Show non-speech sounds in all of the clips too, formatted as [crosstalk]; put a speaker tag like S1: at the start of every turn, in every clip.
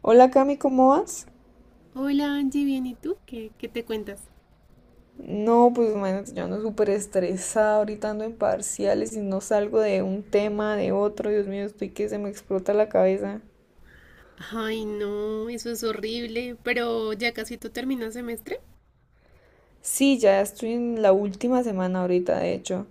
S1: Hola Cami, ¿cómo vas?
S2: Hola Angie, bien, ¿y tú? ¿¿Qué te cuentas?
S1: No, pues imagínate, yo ando súper estresada, ahorita ando en parciales y no salgo de un tema, de otro, Dios mío, estoy que se me explota la cabeza.
S2: Ay, no, eso es horrible, pero ya casi tú terminas semestre.
S1: Sí, ya estoy en la última semana ahorita, de hecho.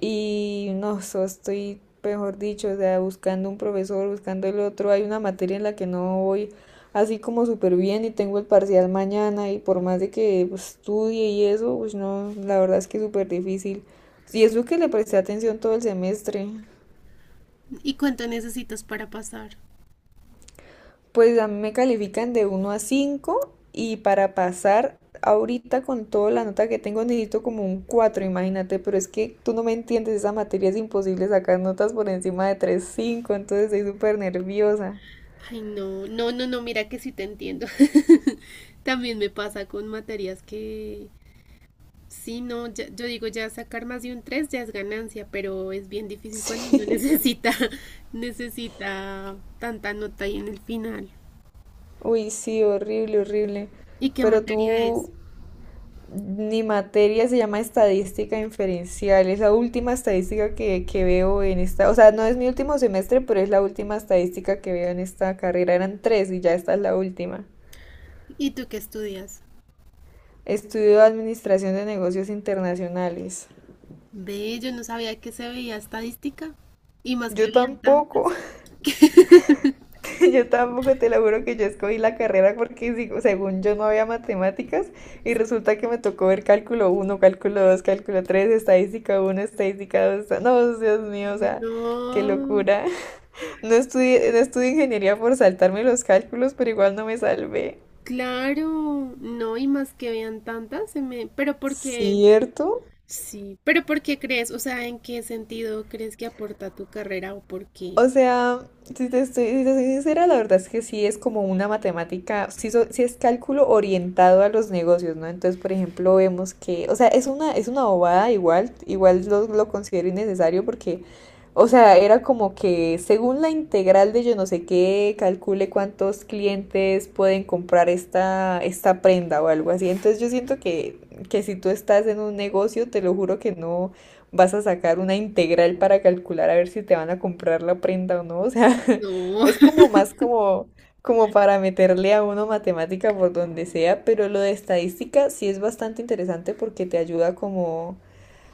S1: Y no, estoy, mejor dicho, o sea, buscando un profesor, buscando el otro. Hay una materia en la que no voy así como súper bien y tengo el parcial mañana y por más de que pues, estudie y eso, pues no, la verdad es que es súper difícil. Y eso que le presté atención todo el semestre.
S2: ¿Y cuánto necesitas para pasar?
S1: Pues a mí me califican de uno a 5 y para pasar ahorita con toda la nota que tengo necesito como un cuatro, imagínate, pero es que tú no me entiendes, esa materia es imposible sacar notas por encima de tres punto cinco, entonces estoy súper nerviosa. [laughs]
S2: Ay, no, no, no, no, mira que sí te entiendo. [laughs] También me pasa con materias que, sí, no, yo digo, ya sacar más de un 3 ya es ganancia, pero es bien difícil cuando uno [laughs]
S1: Sí.
S2: necesita tanta nota ahí en el final.
S1: Uy, sí, horrible, horrible.
S2: ¿Y qué
S1: Pero
S2: materia es?
S1: tú, mi materia se llama Estadística Inferencial. Es la última estadística que veo en esta, o sea, no es mi último semestre, pero es la última estadística que veo en esta carrera. Eran tres y ya esta es la última.
S2: ¿Y tú qué estudias?
S1: Estudio Administración de Negocios Internacionales.
S2: Ve, yo no sabía que se veía estadística. Y más que
S1: Yo
S2: veían tantas.
S1: tampoco, [laughs] yo tampoco, te lo juro, que yo escogí la carrera porque según yo no había matemáticas y resulta que me tocó ver cálculo uno, cálculo dos, cálculo tres, estadística uno, estadística dos. No, Dios mío, o sea, qué
S2: No,
S1: locura. No estudié, no estudié ingeniería por saltarme los cálculos, pero igual no me salvé.
S2: claro, no, y más que vean tantas, se me... Pero porque,
S1: ¿Cierto?
S2: sí, pero ¿por qué crees? O sea, ¿en qué sentido crees que aporta tu carrera o por qué?
S1: O sea, si te estoy, si te soy sincera, la verdad es que sí es como una matemática, sí, sí es cálculo orientado a los negocios, ¿no? Entonces, por ejemplo, vemos que, o sea, es una bobada, igual, igual lo considero innecesario porque, o sea, era como que según la integral de yo no sé qué, calcule cuántos clientes pueden comprar esta, esta prenda o algo así. Entonces, yo siento que si tú estás en un negocio, te lo juro que no vas a sacar una integral para calcular a ver si te van a comprar la prenda o no. O sea, [laughs]
S2: No.
S1: es
S2: [laughs]
S1: como más como, como para meterle a uno matemática por donde sea, pero lo de estadística sí es bastante interesante porque te ayuda como,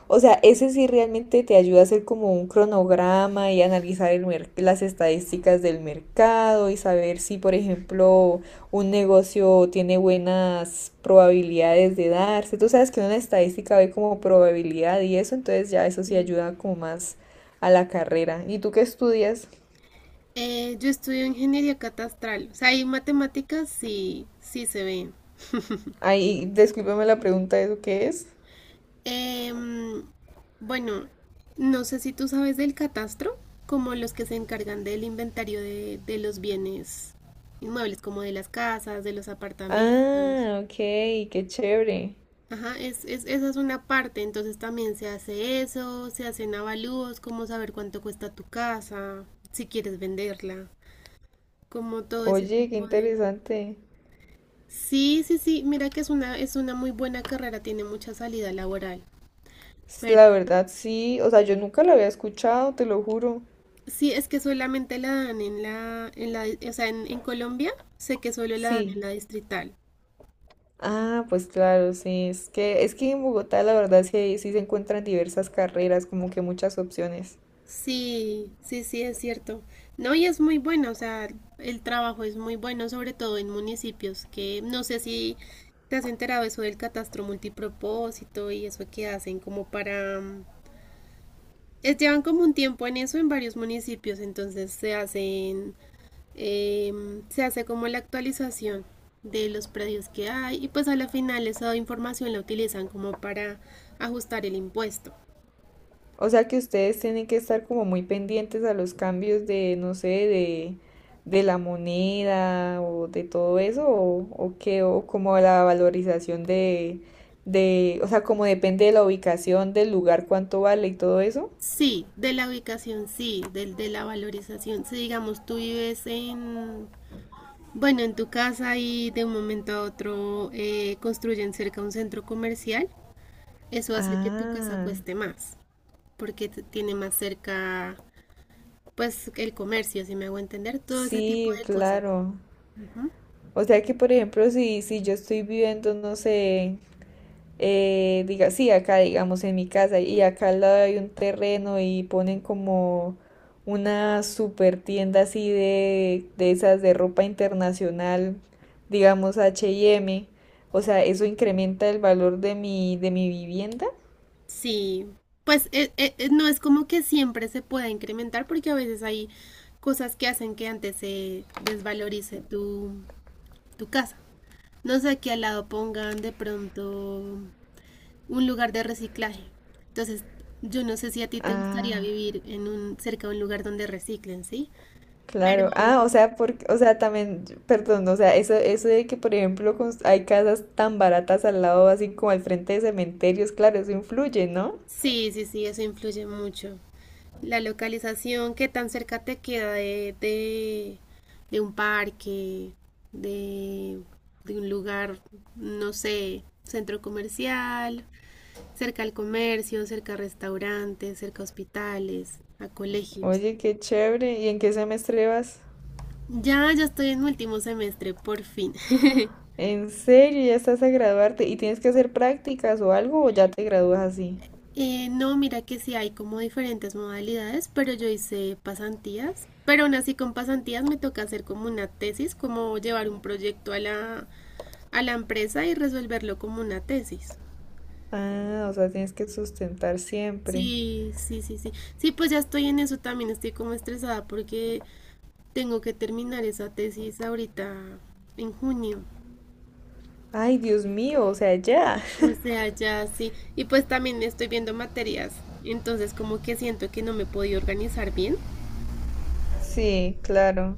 S1: o sea, ese sí realmente te ayuda a hacer como un cronograma y analizar las estadísticas del mercado y saber si, por ejemplo, un negocio tiene buenas probabilidades de darse. Tú sabes que una estadística ve como probabilidad y eso, entonces ya eso sí
S2: Sí.
S1: ayuda como más a la carrera. ¿Y tú qué estudias?
S2: Yo estudio ingeniería catastral. O sea, hay matemáticas, sí, sí se ven.
S1: Ay, discúlpame la pregunta, ¿eso qué es?
S2: Em, bueno, no sé si tú sabes del catastro, como los que se encargan del inventario de los bienes inmuebles, como de las casas, de los apartamentos.
S1: Ah, ok, qué chévere.
S2: Ajá, esa es una parte, entonces también se hace eso, se hacen avalúos, como saber cuánto cuesta tu casa, si quieres venderla, como todo ese
S1: Oye, qué
S2: tipo de...
S1: interesante.
S2: Sí, sí, sí, mira que es una muy buena carrera, tiene mucha salida laboral. Pero
S1: La verdad, sí. O sea, yo nunca la había escuchado, te lo juro.
S2: sí, es que solamente la dan o sea, en Colombia sé que solo la dan en
S1: Sí.
S2: la distrital.
S1: Ah, pues claro, sí. Es que en Bogotá, la verdad, sí, sí se encuentran diversas carreras, como que muchas opciones.
S2: Sí, sí, sí, es cierto. No, y es muy bueno, o sea, el trabajo es muy bueno, sobre todo en municipios que no sé si te has enterado eso del catastro multipropósito y eso que hacen como para... es, llevan como un tiempo en eso en varios municipios, entonces se hacen se hace como la actualización de los predios que hay y pues a la final esa información la utilizan como para ajustar el impuesto.
S1: O sea que ustedes tienen que estar como muy pendientes a los cambios de, no sé, de la moneda o de todo eso, o qué, o como la valorización de, o sea, como depende de la ubicación del lugar, cuánto vale y todo eso.
S2: Sí, de la ubicación sí, del de la valorización. Si digamos tú vives en, bueno, en tu casa y de un momento a otro construyen cerca un centro comercial, eso hace que tu casa
S1: Ah.
S2: cueste más, porque tiene más cerca pues el comercio, si me hago entender, todo ese tipo
S1: Sí,
S2: de cosas.
S1: claro.
S2: Ujú.
S1: O sea que, por ejemplo, si yo estoy viviendo, no sé, diga, sí, acá, digamos, en mi casa, y acá al lado hay un terreno y ponen como una super tienda así de esas de ropa internacional, digamos H y M. O sea, ¿eso incrementa el valor de mi vivienda?
S2: Sí, pues no es como que siempre se pueda incrementar porque a veces hay cosas que hacen que antes se desvalorice tu casa. No sé, que al lado pongan de pronto un lugar de reciclaje. Entonces, yo no sé si a ti te gustaría
S1: Ah.
S2: vivir en un, cerca de un lugar donde reciclen, ¿sí? Pero
S1: Claro, ah, o sea, porque, o sea, también, perdón, o sea, eso de que, por ejemplo, hay casas tan baratas al lado, así como al frente de cementerios, claro, eso influye, ¿no?
S2: sí, sí, sí, eso influye mucho. La localización, qué tan cerca te queda de un parque, de, de un lugar, no sé, centro comercial, cerca al comercio, cerca a restaurantes, cerca a hospitales, a colegios.
S1: Oye, qué chévere, ¿y en qué semestre vas?
S2: Ya, ya estoy en mi último semestre, por fin. [laughs]
S1: ¿En serio? ¿Ya estás a graduarte? ¿Y tienes que hacer prácticas o algo o ya te gradúas así?
S2: No, mira que sí hay como diferentes modalidades, pero yo hice pasantías. Pero aún así con pasantías me toca hacer como una tesis, como llevar un proyecto a la empresa y resolverlo como una tesis.
S1: Ah, o sea, tienes que sustentar siempre.
S2: Sí, sí, sí, sí. Sí, pues ya estoy en eso también, estoy como estresada porque tengo que terminar esa tesis ahorita en junio.
S1: Ay, Dios mío, o sea, ya.
S2: O
S1: [laughs]
S2: sea, ya sí. Y pues también estoy viendo materias, entonces como que siento que no me he podido organizar bien.
S1: Sí, claro.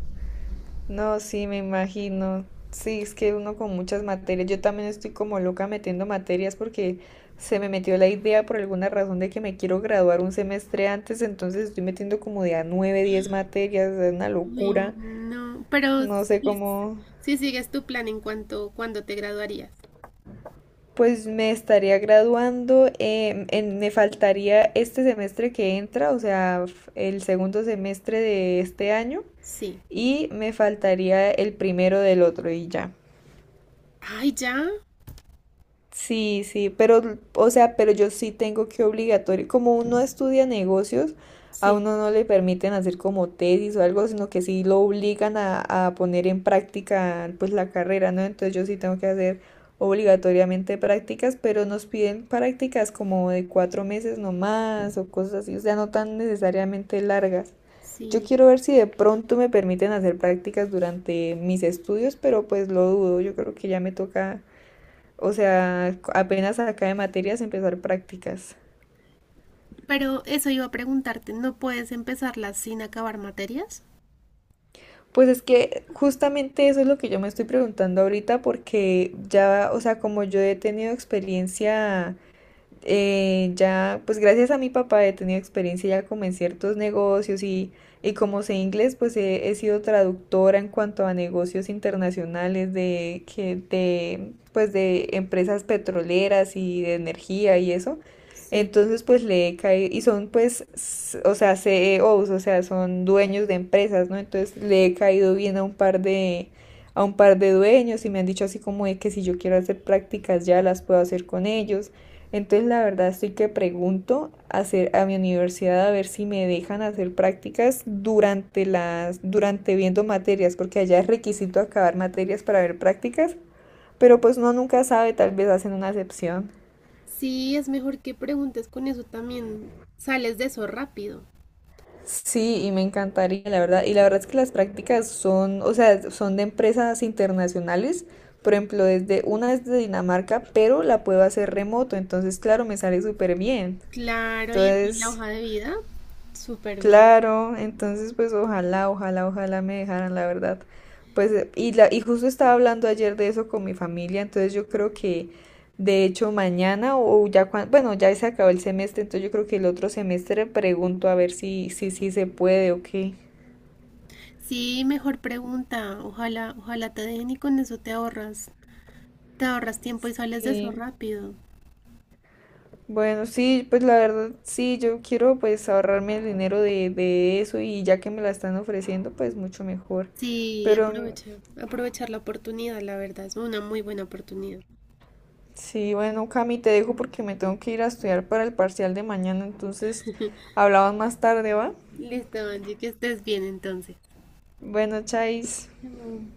S1: No, sí, me imagino. Sí, es que uno con muchas materias, yo también estoy como loca metiendo materias porque se me metió la idea por alguna razón de que me quiero graduar un semestre antes, entonces estoy metiendo como de a 9, 10 materias, es una
S2: Uy,
S1: locura.
S2: no, pero
S1: No sé
S2: sí,
S1: cómo,
S2: sí sigues tu plan en cuanto cuando te graduarías.
S1: pues me estaría graduando, me faltaría este semestre que entra, o sea, el segundo semestre de este año
S2: Sí.
S1: y me faltaría el primero del otro y ya.
S2: Ay, ya.
S1: Sí, sí, pero, o sea, pero yo sí tengo que obligatorio, como uno estudia negocios, a
S2: Sí,
S1: uno no le permiten hacer como tesis o algo, sino que sí lo obligan a poner en práctica pues la carrera, ¿no? Entonces yo sí tengo que hacer obligatoriamente prácticas, pero nos piden prácticas como de cuatro meses nomás o cosas así, o sea, no tan necesariamente largas. Yo
S2: sí.
S1: quiero ver si de pronto me permiten hacer prácticas durante mis estudios, pero pues lo dudo, yo creo que ya me toca, o sea, apenas acá de materias empezar prácticas.
S2: Pero eso iba a preguntarte, ¿no puedes empezarlas sin acabar materias?
S1: Pues es que justamente eso es lo que yo me estoy preguntando ahorita porque ya, o sea, como yo he tenido experiencia, ya, pues gracias a mi papá he tenido experiencia ya como en ciertos negocios y como sé inglés, pues he sido traductora en cuanto a negocios internacionales de, que, de, pues de empresas petroleras y de energía y eso.
S2: Sí,
S1: Entonces, pues le he caído, y son pues, o sea, CEOs, o sea, son dueños de empresas, ¿no? Entonces le he caído bien a un par de, a un par de dueños y me han dicho así como de que si yo quiero hacer prácticas ya las puedo hacer con ellos. Entonces, la verdad, estoy que pregunto a hacer a mi universidad a ver si me dejan hacer prácticas durante las, durante viendo materias, porque allá es requisito acabar materias para ver prácticas, pero pues uno nunca sabe, tal vez hacen una excepción.
S2: sí, es mejor que preguntes con eso también. Sales de eso rápido.
S1: Sí, y me encantaría, la verdad. Y la verdad es que las prácticas son, o sea, son de empresas internacionales. Por ejemplo, desde una es de Dinamarca, pero la puedo hacer remoto, entonces claro, me sale súper bien.
S2: Claro, y eso en la
S1: Entonces,
S2: hoja de vida. Súper bien.
S1: claro, entonces pues ojalá, ojalá, ojalá me dejaran, la verdad. Pues y justo estaba hablando ayer de eso con mi familia, entonces yo creo que de hecho mañana o ya cuando, bueno, ya se acabó el semestre, entonces yo creo que el otro semestre pregunto a ver si se puede o qué.
S2: Sí, mejor pregunta. Ojalá, ojalá te dejen y con eso te ahorras. Te ahorras tiempo y sales de eso
S1: Sí.
S2: rápido.
S1: Bueno, sí, pues la verdad sí, yo quiero pues ahorrarme el dinero de eso y ya que me la están ofreciendo, pues mucho mejor.
S2: Sí,
S1: Pero
S2: aprovecha. Aprovechar la oportunidad, la verdad. Es una muy buena oportunidad.
S1: sí, bueno, Cami, te dejo porque me tengo que ir a estudiar para el parcial de mañana, entonces hablamos más tarde, ¿va?
S2: Listo, Angie, que estés bien entonces.
S1: Bueno, chais.
S2: Chao.